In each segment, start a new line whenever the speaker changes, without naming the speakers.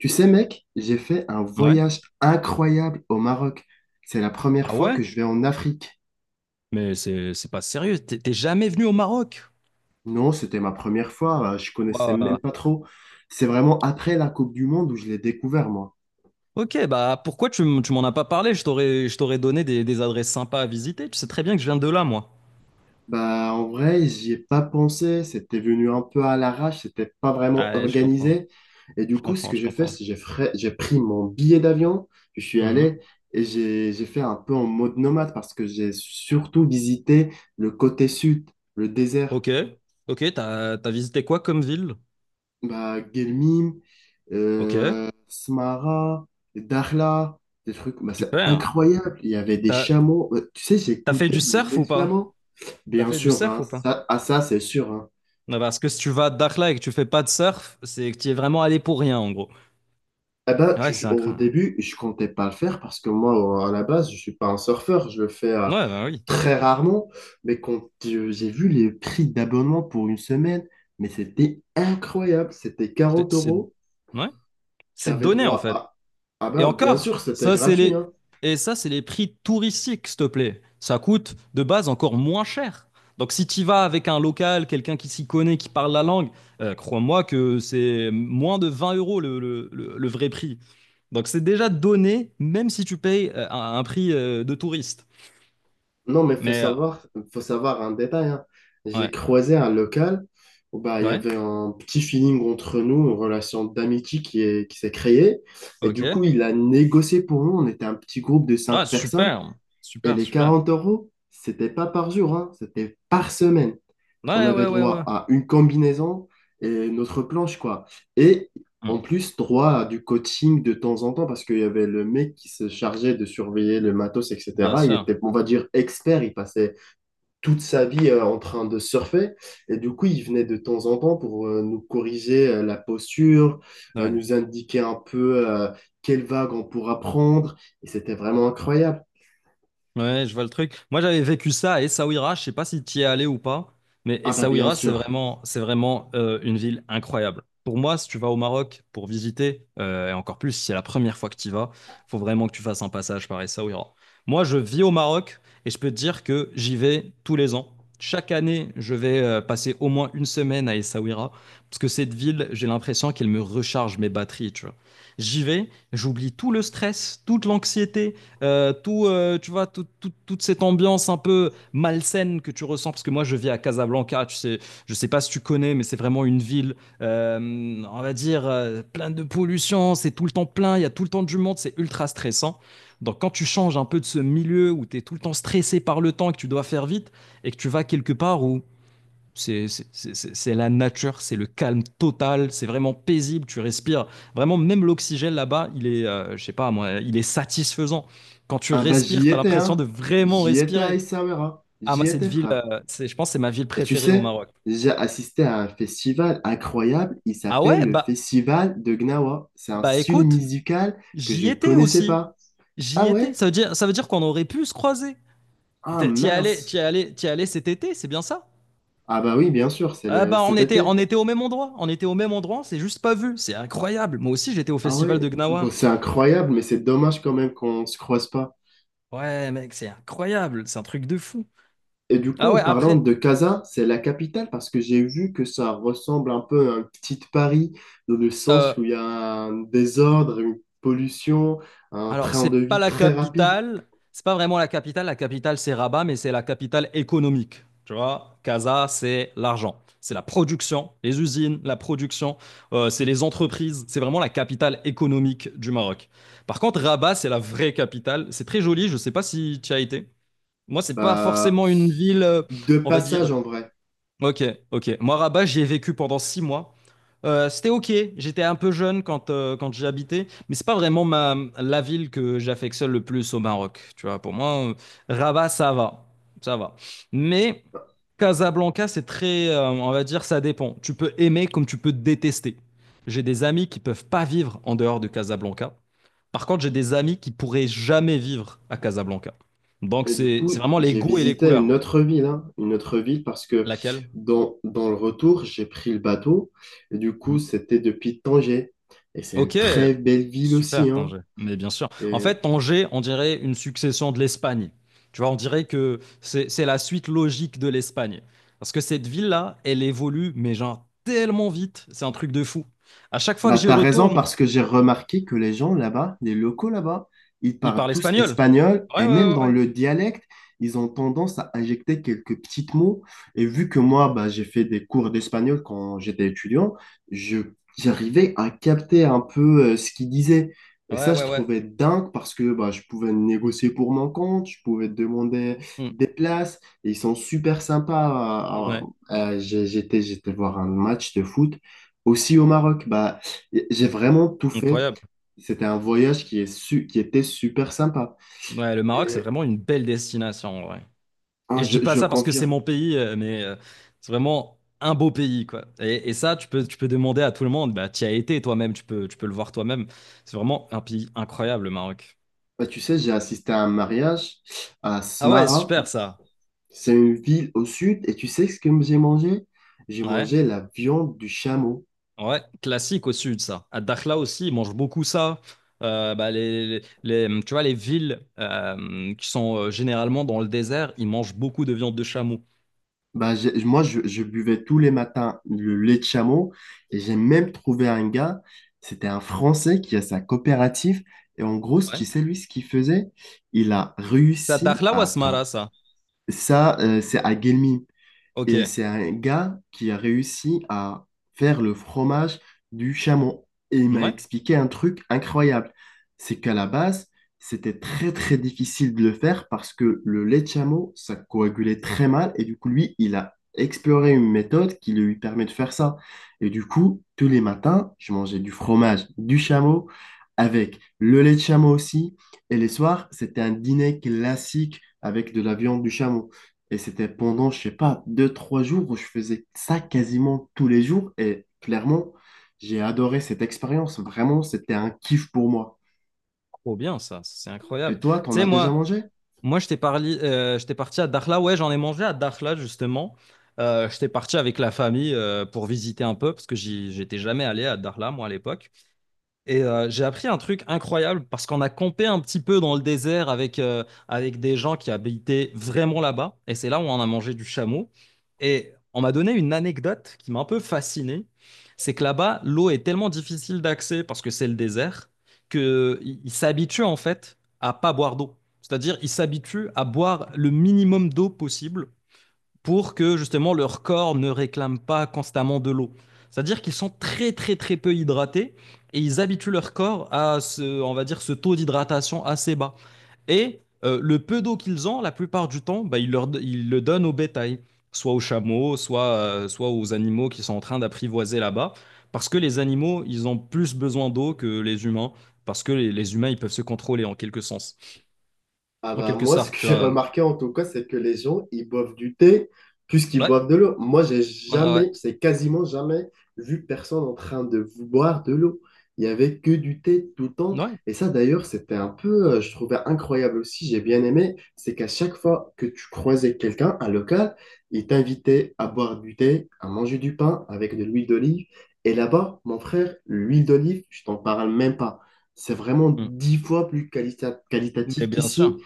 Tu sais, mec, j'ai fait un
Ouais.
voyage incroyable au Maroc. C'est la première
Ah
fois
ouais?
que je vais en Afrique.
Mais c'est pas sérieux. T'es jamais venu au Maroc?
Non, c'était ma première fois, je connaissais
Ouah.
même pas trop. C'est vraiment après la Coupe du Monde où je l'ai découvert, moi.
Ok, bah pourquoi tu m'en as pas parlé? Je t'aurais donné des adresses sympas à visiter. Tu sais très bien que je viens de là, moi.
Bah, en vrai, j'y ai pas pensé, c'était venu un peu à l'arrache, c'était pas vraiment
Ouais, je comprends.
organisé. Et du
Je
coup, ce
comprends,
que
je
j'ai fait,
comprends.
c'est que j'ai pris mon billet d'avion, je suis
Mhm.
allé et j'ai fait un peu en mode nomade parce que j'ai surtout visité le côté sud, le désert.
Ok. Ok, t'as visité quoi comme ville?
Bah, Guelmim,
Ok,
Smara, Dakhla, des trucs, bah, c'est
super.
incroyable. Il y avait des
T'as
chameaux. Tu sais,
t'as fait
j'écoutais
du surf
les
ou pas?
chameaux.
T'as
Bien
fait du
sûr,
surf
hein,
ou pas?
ça, ah, ça c'est sûr. Hein.
Non, parce que si tu vas à Dakhla et que tu fais pas de surf, c'est que tu es vraiment allé pour rien, en gros.
Eh ben,
Ouais, c'est
au
incroyable.
début, je comptais pas le faire parce que moi, au- à la base, je suis pas un surfeur. Je le fais
Ouais, bah oui.
très rarement. Mais quand j'ai vu les prix d'abonnement pour une semaine, mais c'était incroyable. C'était
C'est...
quarante
c'est-
euros.
Ouais.
Tu
C'est
avais
donné, en
droit
fait.
à… Ah
Et
ben, bien
encore,
sûr, c'était
ça, c'est
gratuit,
les...
hein.
Et ça, c'est les prix touristiques, s'il te plaît. Ça coûte de base encore moins cher. Donc si tu vas avec un local, quelqu'un qui s'y connaît, qui parle la langue, crois-moi que c'est moins de 20 € le vrai prix. Donc c'est déjà donné, même si tu payes un prix de touriste.
Non, mais
Mais
faut savoir un détail, hein. J'ai
ouais,
croisé un local où bah, il y
ouais,
avait un petit feeling entre nous, une relation d'amitié qui s'est créée. Et du coup,
ok.
il a négocié pour nous. On était un petit groupe de
Ah,
cinq personnes.
super,
Et
super,
les
super.
40 euros, c'était pas par jour, hein, c'était par semaine. On
Ouais,
avait
ouais, ouais, ouais.
droit à une combinaison et notre planche, quoi. Et en
Hmm,
plus, droit à du coaching de temps en temps, parce qu'il y avait le mec qui se chargeait de surveiller le matos,
bien
etc. Il
sûr.
était, on va dire, expert. Il passait toute sa vie en train de surfer. Et du coup, il venait de temps en temps pour nous corriger la posture,
Ouais.
nous indiquer un peu quelle vague on pourra prendre. Et c'était vraiment incroyable.
Ouais, je vois le truc. Moi, j'avais vécu ça à Essaouira. Je sais pas si tu y es allé ou pas, mais
Ah bah bien
Essaouira, c'est
sûr.
vraiment, c'est vraiment euh, une ville incroyable. Pour moi, si tu vas au Maroc pour visiter, et encore plus si c'est la première fois que tu y vas, faut vraiment que tu fasses un passage par Essaouira. Moi, je vis au Maroc et je peux te dire que j'y vais tous les ans. Chaque année, je vais passer au moins une semaine à Essaouira parce que cette ville, j'ai l'impression qu'elle me recharge mes batteries, tu vois. J'y vais, j'oublie tout le stress, toute l'anxiété, tu vois, toute cette ambiance un peu malsaine que tu ressens, parce que moi je vis à Casablanca, tu sais, je sais pas si tu connais, mais c'est vraiment une ville, on va dire, pleine de pollution, c'est tout le temps plein, il y a tout le temps du monde, c'est ultra stressant. Donc quand tu changes un peu de ce milieu où tu es tout le temps stressé par le temps et que tu dois faire vite, et que tu vas quelque part où la nature, c'est le calme total, c'est vraiment paisible, tu respires. Vraiment, même l'oxygène là-bas, il est, je sais pas moi, il est satisfaisant. Quand tu
Ah bah j'y
respires, tu as
étais,
l'impression
hein.
de vraiment
J'y étais à
respirer.
Essaouira.
Ah, moi,
J'y
cette
étais,
ville,
frère.
je pense que c'est ma ville
Et tu
préférée au
sais,
Maroc.
j'ai assisté à un festival incroyable, il
Ah
s'appelle
ouais,
le
bah,
Festival de Gnawa. C'est un
bah
style
écoute,
musical que
j'y
je
étais
connaissais
aussi.
pas. Ah
J'y étais.
ouais?
Ça veut dire qu'on aurait pu se croiser.
Ah
T'y es allé, t'y
mince.
es allé, t'y es allé cet été, c'est bien ça?
Ah bah oui, bien sûr, c'est
Ah bah
cet
on
été.
était au même endroit, on était au même endroit, on s'est juste pas vu, c'est incroyable. Moi aussi j'étais au
Ah
festival
ouais?
de
Bon,
Gnawa.
c'est incroyable, mais c'est dommage quand même qu'on se croise pas.
Ouais, mec, c'est incroyable, c'est un truc de fou.
Et du coup,
Ah
en
ouais,
parlant
après,
de Casa, c'est la capitale parce que j'ai vu que ça ressemble un peu à un petit Paris, dans le
euh,
sens où il y a un désordre, une pollution, un
alors,
train de
c'est pas
vie
la
très rapide.
capitale, c'est pas vraiment la capitale c'est Rabat, mais c'est la capitale économique. Tu vois, Casa, c'est l'argent, c'est la production, les usines, la production, c'est les entreprises, c'est vraiment la capitale économique du Maroc. Par contre, Rabat, c'est la vraie capitale, c'est très joli, je sais pas si tu as été. Moi, c'est pas
Bah,
forcément une ville,
de
on va
passage
dire,
en vrai.
ok, ok. Moi, Rabat, j'y ai vécu pendant 6 mois. C'était ok, j'étais un peu jeune quand, quand j'y habitais, mais c'est pas vraiment la ville que j'affectionne le plus au Maroc. Tu vois, pour moi, Rabat, ça va, ça va. Mais Casablanca, c'est très, on va dire, ça dépend. Tu peux aimer comme tu peux détester. J'ai des amis qui peuvent pas vivre en dehors de Casablanca. Par contre, j'ai des amis qui pourraient jamais vivre à Casablanca. Donc,
Et du
c'est
coup,
c'est vraiment les
j'ai
goûts et les
visité une
couleurs.
autre ville, hein, une autre ville parce que
Laquelle?
dans le retour, j'ai pris le bateau. Et du coup,
Mhm.
c'était depuis Tanger. Et c'est une
Ok,
très belle ville aussi,
super
hein.
Tanger, mais bien sûr. En
Et
fait, Tanger, on dirait une succession de l'Espagne. Tu vois, on dirait que c'est la suite logique de l'Espagne. Parce que cette ville-là, elle évolue, mais genre tellement vite, c'est un truc de fou. À chaque fois que
bah,
j'y
t'as raison
retourne,
parce que j'ai remarqué que les gens là-bas, les locaux là-bas, ils
ils
parlent
parlent
tous
espagnol.
espagnol
Ouais,
et même
ouais, ouais,
dans
ouais.
le dialecte, ils ont tendance à injecter quelques petits mots. Et vu que moi, bah, j'ai fait des cours d'espagnol quand j'étais étudiant, je, j'arrivais à capter un peu ce qu'ils disaient. Et
Ouais,
ça, je
ouais, ouais.
trouvais dingue parce que bah, je pouvais négocier pour mon compte, je pouvais demander
Mm.
des places et ils sont super sympas.
Ouais,
J'étais voir un match de foot aussi au Maroc. Bah, j'ai vraiment tout fait.
incroyable.
C'était un voyage qui était super sympa.
Ouais, le Maroc, c'est
Et,
vraiment une belle destination,
hein,
et je
je,
dis pas
je
ça parce que c'est
confirme.
mon pays, mais c'est vraiment un beau pays, quoi. Et ça, tu peux demander à tout le monde, bah, tu y as été toi-même, tu peux le voir toi-même. C'est vraiment un pays incroyable, le Maroc.
Bah, tu sais, j'ai assisté à un mariage à
Ah ouais,
Smara.
super ça.
C'est une ville au sud. Et tu sais ce que j'ai mangé? J'ai
Ouais,
mangé la viande du chameau.
ouais, classique au sud, ça. À Dakhla aussi, ils mangent beaucoup ça. Euh, bah, les, Tu vois, les villes qui sont généralement dans le désert, ils mangent beaucoup de viande de chameau.
Bah, je buvais tous les matins le lait de chameau. Et j'ai même trouvé un gars. C'était un Français qui a sa coopérative. Et en gros, tu
Ouais.
sais, lui, ce qu'il faisait, il a
C'est à
réussi
Dakhla ou à
à…
Smara, ça?
Ça, c'est à Guelmim.
Ok.
Et c'est un gars qui a réussi à faire le fromage du chameau. Et il m'a
Ouais,
expliqué un truc incroyable. C'est qu'à la base, c'était très très difficile de le faire parce que le lait de chameau, ça coagulait très mal. Et du coup, lui, il a exploré une méthode qui lui permet de faire ça. Et du coup, tous les matins, je mangeais du fromage du chameau avec le lait de chameau aussi. Et les soirs, c'était un dîner classique avec de la viande du chameau. Et c'était pendant, je sais pas, 2, 3 jours où je faisais ça quasiment tous les jours. Et clairement, j'ai adoré cette expérience. Vraiment, c'était un kiff pour moi.
trop bien ça, c'est
Et
incroyable. Tu
toi, t'en
sais,
as déjà
moi,
mangé?
Moi, j'étais parti à Dakhla. Ouais, j'en ai mangé à Dakhla, justement. J'étais parti avec la famille pour visiter un peu, parce que j'étais jamais allé à Dakhla, moi, à l'époque. Et j'ai appris un truc incroyable parce qu'on a campé un petit peu dans le désert avec, avec des gens qui habitaient vraiment là-bas. Et c'est là où on a mangé du chameau. Et on m'a donné une anecdote qui m'a un peu fasciné. C'est que là-bas, l'eau est tellement difficile d'accès parce que c'est le désert qu'ils s'habituent en fait à pas boire d'eau. C'est-à-dire, ils s'habituent à boire le minimum d'eau possible pour que justement leur corps ne réclame pas constamment de l'eau. C'est-à-dire qu'ils sont très très très peu hydratés et ils habituent leur corps à ce, on va dire, ce taux d'hydratation assez bas. Et le peu d'eau qu'ils ont, la plupart du temps, bah, ils le donnent au bétail, soit aux chameaux, soit, soit aux animaux qui sont en train d'apprivoiser là-bas, parce que les animaux, ils ont plus besoin d'eau que les humains, parce que les humains, ils peuvent se contrôler en quelque sens,
Ah
en
bah
quelque
moi, ce que
sorte, tu
j'ai
vois.
remarqué en tout cas, c'est que les gens, ils boivent du thé plus qu'ils
Ouais,
boivent de l'eau. Moi, j'ai
ouais, ouais.
jamais, c'est quasiment jamais vu personne en train de vous boire de l'eau. Il n'y avait que du thé tout le temps. Et ça, d'ailleurs, c'était un peu, je trouvais incroyable aussi, j'ai bien aimé, c'est qu'à chaque fois que tu croisais quelqu'un, un local, il t'invitait à boire du thé, à manger du pain avec de l'huile d'olive. Et là-bas, mon frère, l'huile d'olive, je t'en parle même pas. C'est vraiment
Mm.
10 fois plus
Mais
qualitatif
bien
qu'ici.
sûr.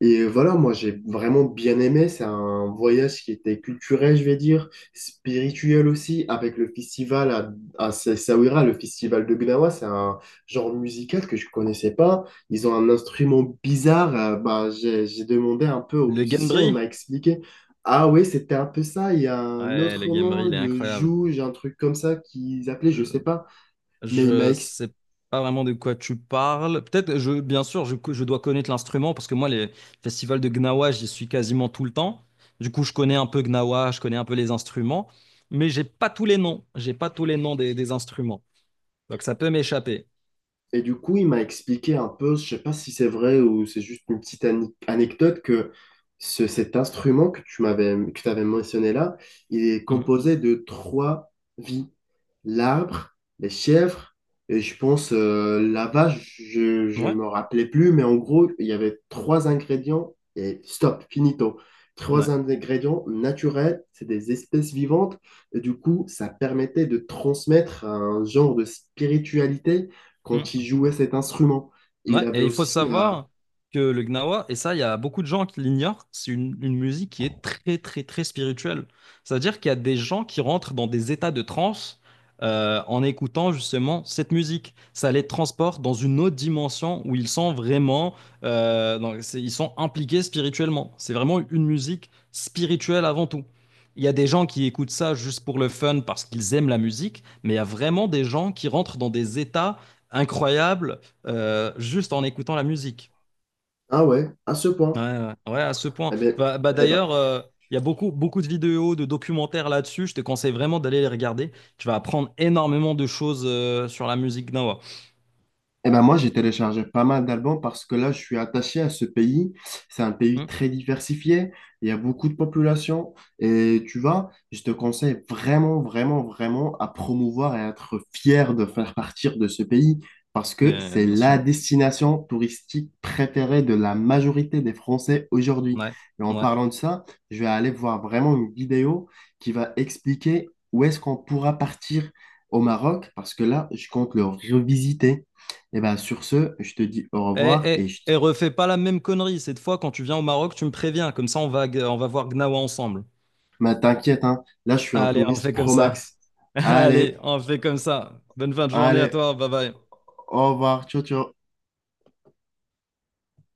Et voilà, moi j'ai vraiment bien aimé. C'est un voyage qui était culturel, je vais dire, spirituel aussi, avec le festival à Sessaouira, le festival de Gnawa. C'est un genre musical que je connaissais pas. Ils ont un instrument bizarre. J'ai demandé un peu au
Le
musicien, il m'a
Gambry?
expliqué. Ah oui, c'était un peu ça. Il y a un
Ouais, le
autre nom,
Gambry, il est
le
incroyable.
jouge, un truc comme ça qu'ils appelaient, je sais
Euh,
pas. Mais il m'a
Je
expliqué.
sais pas vraiment de quoi tu parles. Peut-être, bien sûr, je dois connaître l'instrument parce que moi, les festivals de Gnawa, j'y suis quasiment tout le temps. Du coup, je connais un peu Gnawa, je connais un peu les instruments, mais j'ai pas tous les noms. J'ai pas tous les noms des instruments. Donc, ça peut m'échapper.
Et du coup, il m'a expliqué un peu, je sais pas si c'est vrai ou c'est juste une petite anecdote, que cet instrument que t'avais mentionné là, il est
Mhm.
composé de trois vies. L'arbre, les chèvres, et je pense la vache, je
Ouais,
me rappelais plus, mais en gros, il y avait trois ingrédients et stop, finito. Trois
ouais.
ingrédients naturels, c'est des espèces vivantes, et du coup, ça permettait de transmettre un genre de spiritualité quand il
Mhm.
jouait cet instrument. Et il
Ouais,
avait
et il faut
aussi,
savoir que le gnawa, et ça, il y a beaucoup de gens qui l'ignorent, c'est une musique qui est très, très, très spirituelle. C'est-à-dire qu'il y a des gens qui rentrent dans des états de transe en écoutant justement cette musique. Ça les transporte dans une autre dimension où ils sont vraiment, ils sont impliqués spirituellement. C'est vraiment une musique spirituelle avant tout. Il y a des gens qui écoutent ça juste pour le fun parce qu'ils aiment la musique, mais il y a vraiment des gens qui rentrent dans des états incroyables juste en écoutant la musique.
ah ouais, à ce
Ouais,
point.
ouais, ouais, à ce point.
Eh ben,
Bah, bah,
eh ben,
d'ailleurs, il y a beaucoup, beaucoup de vidéos, de documentaires là-dessus. Je te conseille vraiment d'aller les regarder. Tu vas apprendre énormément de choses sur la musique Gnawa.
Eh ben moi, j'ai téléchargé pas mal d'albums parce que là, je suis attaché à ce pays. C'est un pays
Hmm.
très diversifié. Il y a beaucoup de population. Et tu vois, je te conseille vraiment, vraiment, vraiment à promouvoir et à être fier de faire partir de ce pays parce que
Mais,
c'est
bien
la
sûr.
destination touristique préférée de la majorité des Français aujourd'hui.
Ouais,
Et en
ouais.
parlant de ça, je vais aller voir vraiment une vidéo qui va expliquer où est-ce qu'on pourra partir au Maroc parce que là, je compte le revisiter. Et ben sur ce, je te dis au
Et,
revoir
et,
et je…
et refais pas la même connerie. Cette fois, quand tu viens au Maroc, tu me préviens. Comme ça, on va voir Gnawa ensemble.
Mais t'inquiète, hein, là, je suis un
Allez, on
touriste
fait comme
pro
ça.
max.
Allez,
Allez,
on fait comme ça. Bonne fin de journée à
allez,
toi. Bye bye.
au revoir, ciao, ciao.